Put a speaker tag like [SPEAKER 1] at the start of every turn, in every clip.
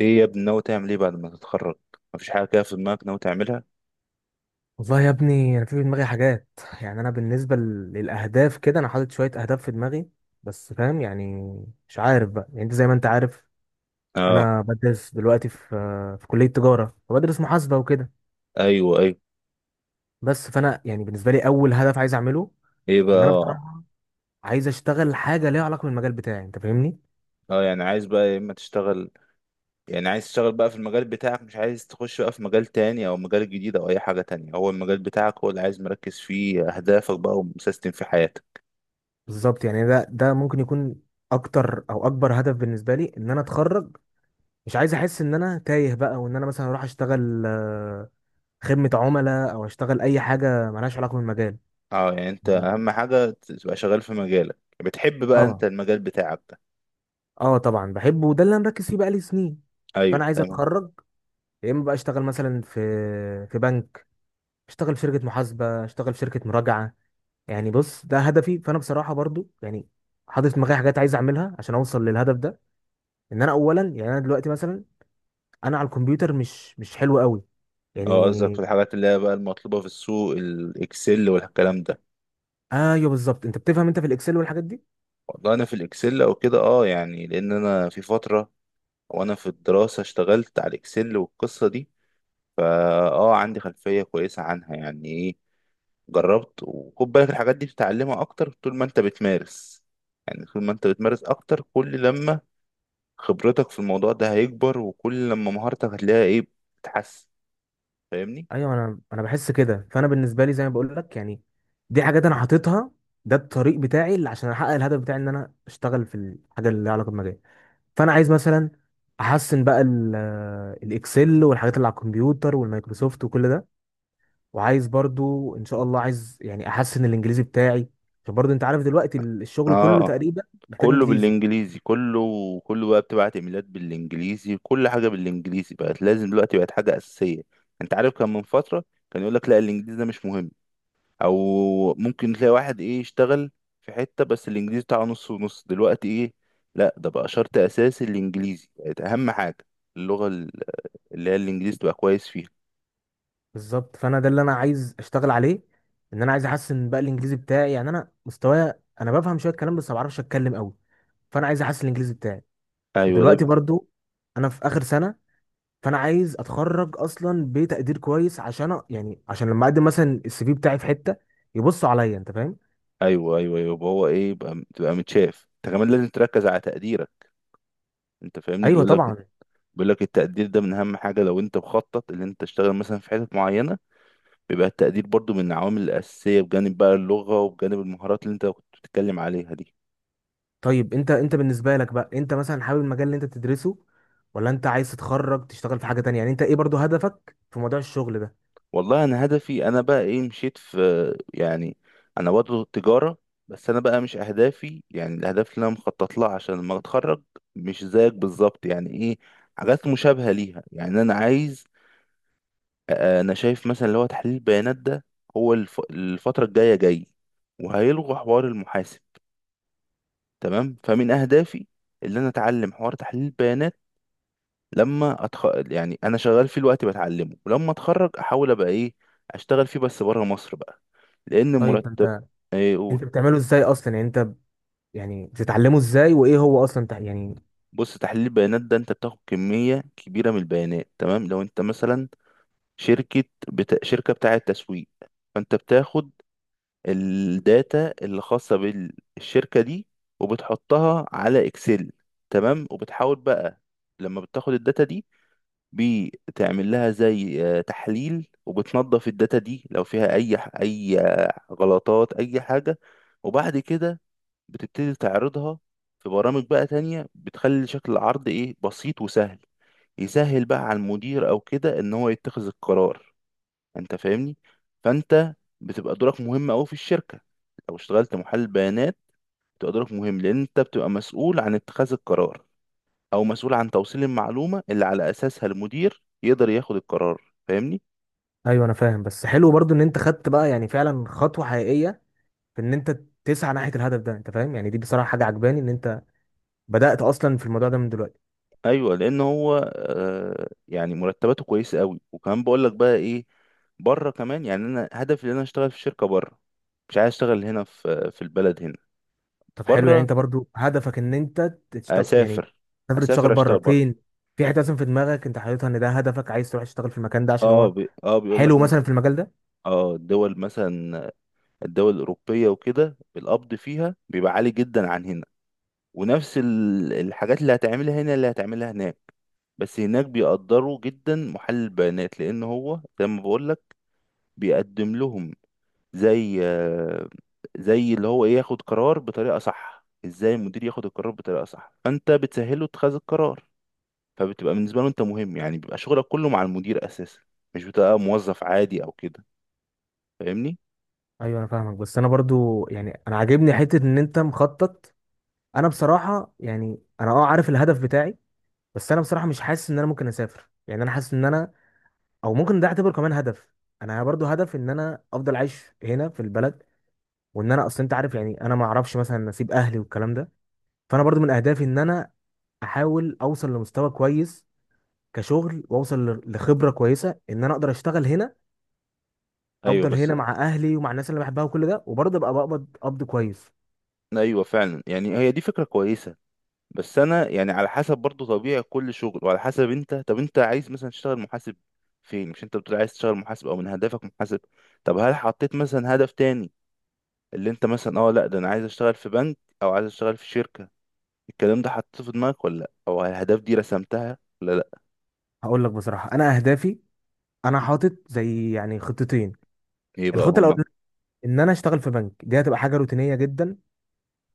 [SPEAKER 1] ايه يا ابني، ناوي تعمل ايه بعد ما تتخرج؟ مفيش حاجه كده في دماغك ناوي تعملها؟
[SPEAKER 2] والله يا ابني انا في دماغي حاجات. يعني انا بالنسبه للاهداف كده انا حاطط شويه اهداف في دماغي، بس فاهم يعني. مش عارف بقى، يعني انت زي ما انت عارف
[SPEAKER 1] اه.
[SPEAKER 2] انا بدرس دلوقتي في كليه تجاره وبدرس محاسبه وكده.
[SPEAKER 1] ايوه ايوه.
[SPEAKER 2] بس فانا يعني بالنسبه لي اول هدف عايز اعمله
[SPEAKER 1] ايه بقى؟
[SPEAKER 2] ان انا
[SPEAKER 1] اه.
[SPEAKER 2] بصراحه عايز اشتغل حاجه ليها علاقه بالمجال بتاعي، انت فاهمني.
[SPEAKER 1] اه يعني عايز بقى يا اما تشتغل، يعني عايز تشتغل بقى في المجال بتاعك، مش عايز تخش بقى في مجال تاني او مجال جديد او اي حاجه تانية، هو المجال بتاعك هو اللي عايز مركز فيه اهدافك بقى ومسيستم في حياتك.
[SPEAKER 2] بالظبط، يعني ده ممكن يكون اكتر او اكبر هدف بالنسبه لي ان انا اتخرج. مش عايز احس ان انا تايه بقى، وان انا مثلا اروح اشتغل خدمة عملاء او اشتغل اي حاجة ملهاش علاقة بالمجال.
[SPEAKER 1] اه يعني انت
[SPEAKER 2] يعني
[SPEAKER 1] اهم حاجه تبقى شغال في مجالك، بتحب بقى انت
[SPEAKER 2] اه،
[SPEAKER 1] المجال بتاعك ده؟
[SPEAKER 2] اه طبعا بحبه، وده اللي انا مركز فيه بقالي سنين. فانا
[SPEAKER 1] ايوه
[SPEAKER 2] عايز
[SPEAKER 1] تمام.
[SPEAKER 2] اتخرج يا اما بقى اشتغل مثلا في بنك، اشتغل في شركة محاسبة، اشتغل في شركة مراجعة. يعني بص، ده هدفي. فانا بصراحة برضو يعني حاطط في دماغي حاجات عايز اعملها عشان اوصل للهدف ده. ان انا اولا يعني انا دلوقتي مثلا انا على الكمبيوتر مش حلو قوي،
[SPEAKER 1] اه قصدك في
[SPEAKER 2] يعني.
[SPEAKER 1] الحاجات اللي هي بقى المطلوبه في السوق، الاكسل والكلام ده؟
[SPEAKER 2] ايوه بالظبط، انت بتفهم انت في الاكسل والحاجات دي.
[SPEAKER 1] والله انا في الاكسل او كده اه، يعني لان انا في فتره وانا في الدراسه اشتغلت على الاكسل والقصه دي. فا اه، عندي خلفيه كويسه عنها. يعني ايه؟ جربت وخد بالك الحاجات دي بتتعلمها اكتر طول ما انت بتمارس. يعني طول ما انت بتمارس اكتر، كل لما خبرتك في الموضوع ده هيكبر، وكل لما مهارتك هتلاقيها ايه، بتتحسن. فاهمني؟
[SPEAKER 2] ايوه انا بحس كده. فانا بالنسبه لي زي ما بقول لك يعني، دي حاجات انا حاططها. ده الطريق بتاعي اللي عشان احقق الهدف بتاعي ان انا اشتغل في الحاجه اللي لها علاقه بمجالي. فانا عايز مثلا احسن بقى الاكسل والحاجات اللي على الكمبيوتر والمايكروسوفت وكل ده. وعايز برضو ان شاء الله، عايز يعني احسن الانجليزي بتاعي، عشان برضو انت عارف دلوقتي الشغل كله
[SPEAKER 1] اه.
[SPEAKER 2] تقريبا محتاج
[SPEAKER 1] كله
[SPEAKER 2] انجليزي.
[SPEAKER 1] بالانجليزي كله. كله بقى بتبعت ايميلات بالانجليزي، كل حاجه بالانجليزي بقت لازم دلوقتي، بقت حاجه اساسيه. انت عارف كان من فتره كان يقول لك لا الانجليزي ده مش مهم، او ممكن تلاقي واحد ايه يشتغل في حته بس الانجليزي بتاعه نص ونص. دلوقتي ايه، لا ده بقى شرط اساسي، الانجليزي بقت اهم حاجه، اللغه اللي هي الانجليزي تبقى كويس فيها.
[SPEAKER 2] بالظبط، فانا ده اللي انا عايز اشتغل عليه، ان انا عايز احسن بقى الانجليزي بتاعي. يعني انا مستواي انا بفهم شويه الكلام، بس ما بعرفش اتكلم قوي. فانا عايز احسن الانجليزي بتاعي.
[SPEAKER 1] ايوه ده
[SPEAKER 2] ودلوقتي
[SPEAKER 1] بقى.
[SPEAKER 2] برضو انا في اخر سنه، فانا عايز اتخرج اصلا بتقدير كويس عشان يعني عشان لما اقدم مثلا السي في بتاعي في حته يبصوا عليا، انت فاهم.
[SPEAKER 1] ايوه ايوه ايوه، يبقى هو ايه، يبقى تبقى متشاف انت كمان، لازم تركز على تقديرك. انت فاهمني،
[SPEAKER 2] ايوه
[SPEAKER 1] بيقول لك،
[SPEAKER 2] طبعا.
[SPEAKER 1] بيقول لك التقدير ده من اهم حاجه، لو انت مخطط ان انت تشتغل مثلا في حتت معينه، بيبقى التقدير برضو من العوامل الاساسيه بجانب بقى اللغه وبجانب المهارات اللي انت كنت بتتكلم عليها دي.
[SPEAKER 2] طيب انت بالنسبه لك بقى انت مثلا حابب المجال اللي انت بتدرسه، ولا انت عايز تتخرج تشتغل في حاجه تانية؟ يعني انت ايه برضو هدفك في موضوع الشغل ده؟
[SPEAKER 1] والله انا هدفي انا بقى ايه، مشيت في، يعني انا برضه تجاره، بس انا بقى مش اهدافي، يعني الاهداف اللي انا مخطط لها عشان لما اتخرج مش زيك بالظبط، يعني ايه، حاجات مشابهه ليها. يعني انا عايز انا شايف مثلا اللي هو تحليل البيانات ده، هو الفتره الجايه جاي وهيلغوا حوار المحاسب، تمام؟ فمن اهدافي اللي انا اتعلم حوار تحليل البيانات. لما يعني انا شغال فيه الوقت بتعلمه، ولما اتخرج احاول ابقى ايه، اشتغل فيه بس بره مصر بقى، لان
[SPEAKER 2] طيب ده
[SPEAKER 1] مرتب.
[SPEAKER 2] انت،
[SPEAKER 1] ايه،
[SPEAKER 2] انت
[SPEAKER 1] قول.
[SPEAKER 2] بتعمله ازاي اصلا؟ يعني انت يعني بتتعلمه ازاي، وايه هو اصلا يعني.
[SPEAKER 1] بص، تحليل البيانات ده انت بتاخد كمية كبيرة من البيانات، تمام؟ لو انت مثلا شركة بتاعة تسويق، فانت بتاخد الداتا اللي خاصة بالشركة دي وبتحطها على اكسل، تمام؟ وبتحاول بقى لما بتاخد الداتا دي، بتعمل لها زي تحليل، وبتنظف الداتا دي لو فيها اي غلطات اي حاجة. وبعد كده بتبتدي تعرضها في برامج بقى تانية، بتخلي شكل العرض ايه، بسيط وسهل، يسهل بقى على المدير او كده ان هو يتخذ القرار. انت فاهمني؟ فانت بتبقى دورك مهم قوي في الشركة، لو اشتغلت محلل بيانات بتبقى دورك مهم، لان انت بتبقى مسؤول عن اتخاذ القرار، او مسؤول عن توصيل المعلومه اللي على اساسها المدير يقدر ياخد القرار. فاهمني؟
[SPEAKER 2] ايوه انا فاهم، بس حلو برضو ان انت خدت بقى يعني فعلا خطوه حقيقيه في ان انت تسعى ناحيه الهدف ده، انت فاهم. يعني دي بصراحه حاجه عجباني ان انت بدات اصلا في الموضوع ده من دلوقتي.
[SPEAKER 1] ايوه، لان هو آه يعني مرتباته كويسه قوي، وكمان بقول لك بقى ايه، بره كمان، يعني انا هدفي ان انا اشتغل في شركه بره، مش عايز اشتغل هنا في البلد هنا.
[SPEAKER 2] طب حلو، يعني
[SPEAKER 1] بره،
[SPEAKER 2] انت برضو هدفك ان انت تشتغل،
[SPEAKER 1] اسافر.
[SPEAKER 2] يعني تسافر تشتغل
[SPEAKER 1] اسافر
[SPEAKER 2] بره؟
[SPEAKER 1] اشتغل بره.
[SPEAKER 2] فين؟ في حته اصلا في دماغك انت حاططها ان ده هدفك، عايز تروح تشتغل في المكان ده عشان هو
[SPEAKER 1] اه بيقول
[SPEAKER 2] حلو
[SPEAKER 1] لك
[SPEAKER 2] مثلا في المجال ده؟
[SPEAKER 1] اه الدول مثلا، الدول الاوروبيه وكده، القبض فيها بيبقى عالي جدا عن هنا، ونفس الحاجات اللي هتعملها هنا اللي هتعملها هناك، بس هناك بيقدروا جدا محلل البيانات، لان هو زي ما بقول لك بيقدم لهم زي زي اللي هو ايه، ياخد قرار بطريقه صح، ازاي المدير ياخد القرار بطريقه صح، فانت بتسهله اتخاذ القرار، فبتبقى بالنسبه له انت مهم، يعني بيبقى شغلك كله مع المدير اساسا، مش بتبقى موظف عادي او كده. فاهمني؟
[SPEAKER 2] ايوه انا فاهمك، بس انا برضو يعني انا عاجبني حته ان انت مخطط. انا بصراحه يعني انا اه عارف الهدف بتاعي، بس انا بصراحه مش حاسس ان انا ممكن اسافر. يعني انا حاسس ان انا، او ممكن ده اعتبره كمان هدف، انا برضو هدف ان انا افضل عايش هنا في البلد. وان انا اصل انت عارف، يعني انا ما اعرفش مثلا نصيب اهلي والكلام ده. فانا برضو من اهدافي ان انا احاول اوصل لمستوى كويس كشغل، واوصل لخبره كويسه ان انا اقدر اشتغل هنا،
[SPEAKER 1] ايوه
[SPEAKER 2] افضل
[SPEAKER 1] بس.
[SPEAKER 2] هنا مع اهلي ومع الناس اللي بحبها وكل ده، وبرضه ابقى بقبض قبض كويس.
[SPEAKER 1] ايوه فعلا، يعني هي دي فكره كويسه، بس انا يعني على حسب برضو طبيعة كل شغل، وعلى حسب انت، طب انت عايز مثلا تشتغل محاسب فين؟ مش انت بتقول عايز تشتغل محاسب، او من هدفك محاسب؟ طب هل حطيت مثلا هدف تاني، اللي انت مثلا اه لا ده انا عايز اشتغل في بنك، او عايز اشتغل في شركة، الكلام ده حطيته في دماغك ولا لا، او الاهداف دي رسمتها ولا لا؟
[SPEAKER 2] هقول لك بصراحه، انا اهدافي انا حاطط زي يعني خطتين.
[SPEAKER 1] ايه بقى
[SPEAKER 2] الخطه
[SPEAKER 1] هما؟
[SPEAKER 2] الاولانيه ان انا اشتغل في بنك، دي هتبقى حاجه روتينيه جدا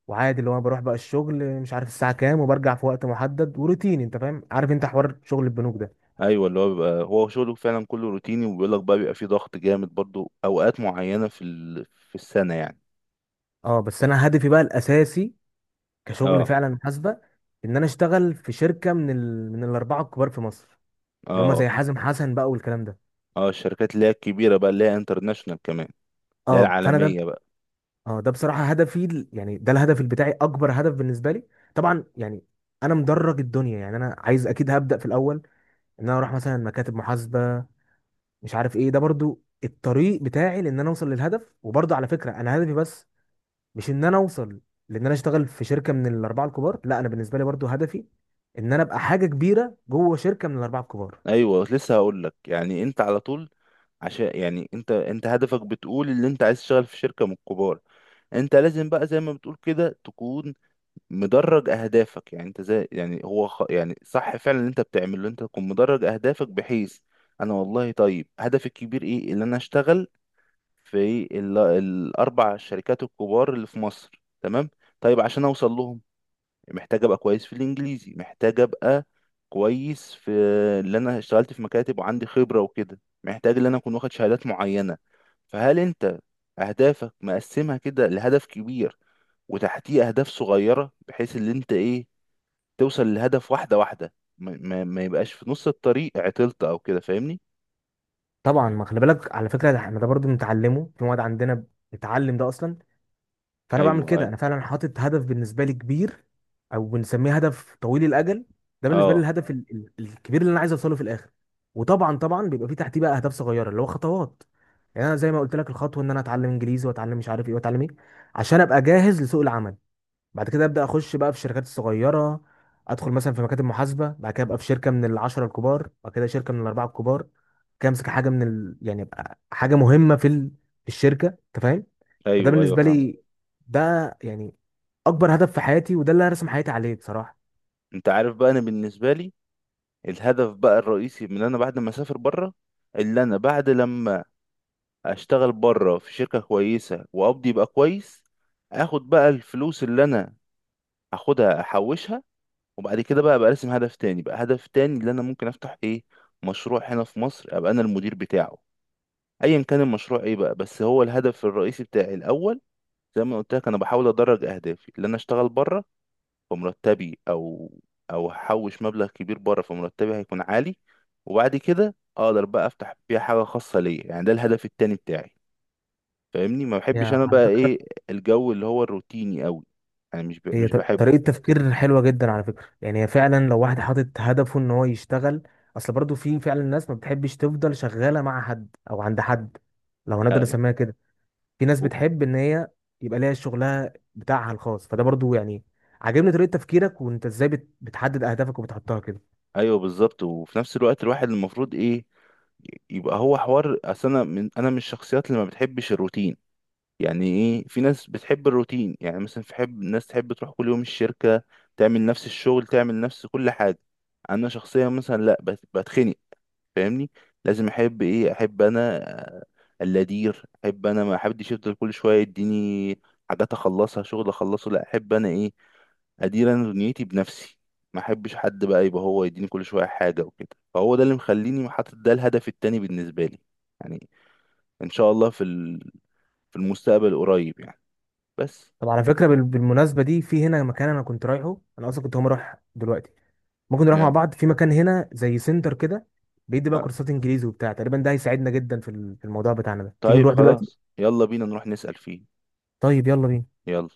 [SPEAKER 2] وعادي، اللي هو أنا بروح بقى الشغل مش عارف الساعه كام، وبرجع في وقت محدد وروتيني، انت فاهم، عارف انت حوار شغل البنوك ده.
[SPEAKER 1] ايوه، اللي هو بيبقى هو شغله فعلا كله روتيني، وبيقول لك بقى بيبقى فيه ضغط جامد برضو اوقات معينة في السنة يعني.
[SPEAKER 2] اه بس انا هدفي بقى الاساسي كشغل
[SPEAKER 1] اه.
[SPEAKER 2] فعلا محاسبه ان انا اشتغل في شركه من من الاربعه الكبار في مصر، اللي هم
[SPEAKER 1] اه.
[SPEAKER 2] زي حازم حسن بقى والكلام ده.
[SPEAKER 1] اه الشركات اللي هي الكبيرة بقى، اللي هي انترناشونال كمان، اللي هي
[SPEAKER 2] اه فانا ده،
[SPEAKER 1] العالمية.
[SPEAKER 2] اه ده بصراحه هدفي يعني ده الهدف بتاعي، اكبر هدف بالنسبه لي. طبعا يعني انا مدرج الدنيا، يعني انا عايز اكيد هبدا في الاول، ان انا اروح مثلا مكاتب محاسبه مش عارف ايه. ده برضو الطريق بتاعي لان انا اوصل للهدف. وبرضو على فكره انا هدفي بس مش ان انا اوصل لان انا اشتغل في شركه من الاربعه الكبار، لا، انا بالنسبه لي برضو هدفي ان انا ابقى حاجه كبيره جوه شركه من الاربعه الكبار.
[SPEAKER 1] ايوه لسه هقول لك، يعني انت على طول، عشان يعني انت هدفك بتقول ان انت عايز تشتغل في شركه من الكبار، انت لازم بقى زي ما بتقول كده تكون مدرج اهدافك، يعني انت زي يعني هو يعني صح فعلا اللي انت بتعمله، اللي انت تكون مدرج اهدافك بحيث، انا والله طيب هدفي الكبير ايه، اللي انا اشتغل الاربع شركات الكبار اللي في مصر، تمام؟ طيب عشان اوصل لهم، محتاج ابقى كويس في الانجليزي، محتاج ابقى كويس في اللي انا اشتغلت في مكاتب وعندي خبرة وكده، محتاج ان انا اكون واخد شهادات معينة. فهل انت اهدافك مقسمها كده لهدف كبير، وتحتيه اهداف صغيرة، بحيث ان انت ايه توصل للهدف واحدة واحدة، ما يبقاش في نص الطريق عطلت او كده؟ فاهمني؟
[SPEAKER 2] طبعا، ما خلي بالك، على فكره ده احنا ده برضو بنتعلمه في مواد عندنا، بنتعلم ده اصلا. فانا بعمل
[SPEAKER 1] ايوه
[SPEAKER 2] كده،
[SPEAKER 1] ايوه.
[SPEAKER 2] انا فعلا حاطط هدف بالنسبه لي كبير، او بنسميه هدف طويل الاجل. ده بالنسبه لي
[SPEAKER 1] اه.
[SPEAKER 2] الهدف الكبير اللي انا عايز اوصله في الاخر. وطبعا طبعا بيبقى في تحتيه بقى اهداف صغيره اللي هو خطوات. يعني انا زي ما قلت لك، الخطوه ان انا اتعلم انجليزي، واتعلم مش عارف ايه، واتعلم ايه عشان ابقى جاهز لسوق العمل. بعد كده ابدا اخش بقى في الشركات الصغيره، ادخل مثلا في مكاتب محاسبه، بعد كده ابقى في شركه من العشره الكبار، بعد كده شركه من الاربعه الكبار. كده امسك حاجه من يعني ابقى حاجه مهمه في في الشركه، انت فاهم. فده
[SPEAKER 1] ايوه ايوه
[SPEAKER 2] بالنسبه
[SPEAKER 1] فاهم.
[SPEAKER 2] لي، ده يعني اكبر هدف في حياتي، وده اللي هرسم حياتي عليه بصراحه.
[SPEAKER 1] انت عارف بقى انا بالنسبة لي الهدف بقى الرئيسي، من انا بعد ما اسافر بره، اللي انا بعد لما اشتغل بره في شركة كويسة وقبضي يبقى كويس، اخد بقى الفلوس اللي انا هاخدها احوشها، وبعد كده بقى ابقى ارسم هدف تاني بقى، هدف تاني اللي انا ممكن افتح ايه، مشروع هنا في مصر ابقى انا المدير بتاعه، ايا كان المشروع ايه بقى، بس هو الهدف الرئيسي بتاعي الاول، زي ما قلت لك انا بحاول ادرج اهدافي، اللي انا اشتغل بره فمرتبي او او احوش مبلغ كبير بره، فمرتبي هيكون عالي، وبعد كده اقدر بقى افتح بيها حاجة خاصة ليا، يعني ده الهدف التاني بتاعي. فاهمني؟ ما بحبش
[SPEAKER 2] يا
[SPEAKER 1] انا
[SPEAKER 2] على
[SPEAKER 1] بقى
[SPEAKER 2] فكرة،
[SPEAKER 1] ايه، الجو اللي هو الروتيني قوي انا مش
[SPEAKER 2] طريقة
[SPEAKER 1] بحبه.
[SPEAKER 2] تفكير حلوة جدا على فكرة، يعني هي فعلا لو واحد حاطط هدفه ان هو يشتغل، اصل برضو في فعلا ناس ما بتحبش تفضل شغالة مع حد او عند حد، لو هنقدر
[SPEAKER 1] أيوة.
[SPEAKER 2] نسميها كده. في ناس
[SPEAKER 1] و-
[SPEAKER 2] بتحب ان هي يبقى ليها شغلها بتاعها الخاص. فده برضو يعني عاجبني طريقة تفكيرك، وانت ازاي بتحدد اهدافك وبتحطها كده.
[SPEAKER 1] ايوه بالظبط، وفي نفس الوقت الواحد المفروض ايه، يبقى هو حوار، اصل انا من، انا من الشخصيات اللي ما بتحبش الروتين. يعني ايه، في ناس بتحب الروتين، يعني مثلا في حب ناس تحب تروح كل يوم الشركة، تعمل نفس الشغل، تعمل نفس كل حاجة. انا شخصيا مثلا لا، بتخنق. فاهمني؟ لازم احب ايه، احب انا آه، اللدير، احب انا ما احبش يفضل كل شويه يديني حاجات اخلصها، شغل اخلصه، لا احب انا ايه، ادير انا دنيتي بنفسي، ما احبش حد بقى يبقى هو يديني كل شويه حاجه وكده، فهو ده اللي مخليني حاطط ده الهدف التاني بالنسبه لي يعني، ان شاء الله في المستقبل قريب يعني، بس.
[SPEAKER 2] طب على فكرة، بالمناسبة دي في هنا مكان انا كنت رايحه، انا اصلا كنت هقوم اروح دلوقتي. ممكن نروح مع
[SPEAKER 1] نعم.
[SPEAKER 2] بعض في مكان هنا زي سنتر كده، بيدي بقى
[SPEAKER 1] آه،
[SPEAKER 2] كورسات انجليزي وبتاع. تقريبا ده هيساعدنا جدا في في الموضوع بتاعنا ده. تيجي
[SPEAKER 1] طيب
[SPEAKER 2] نروح دلوقتي؟
[SPEAKER 1] خلاص، يلا بينا نروح نسأل فيه.
[SPEAKER 2] طيب يلا بينا.
[SPEAKER 1] يلا.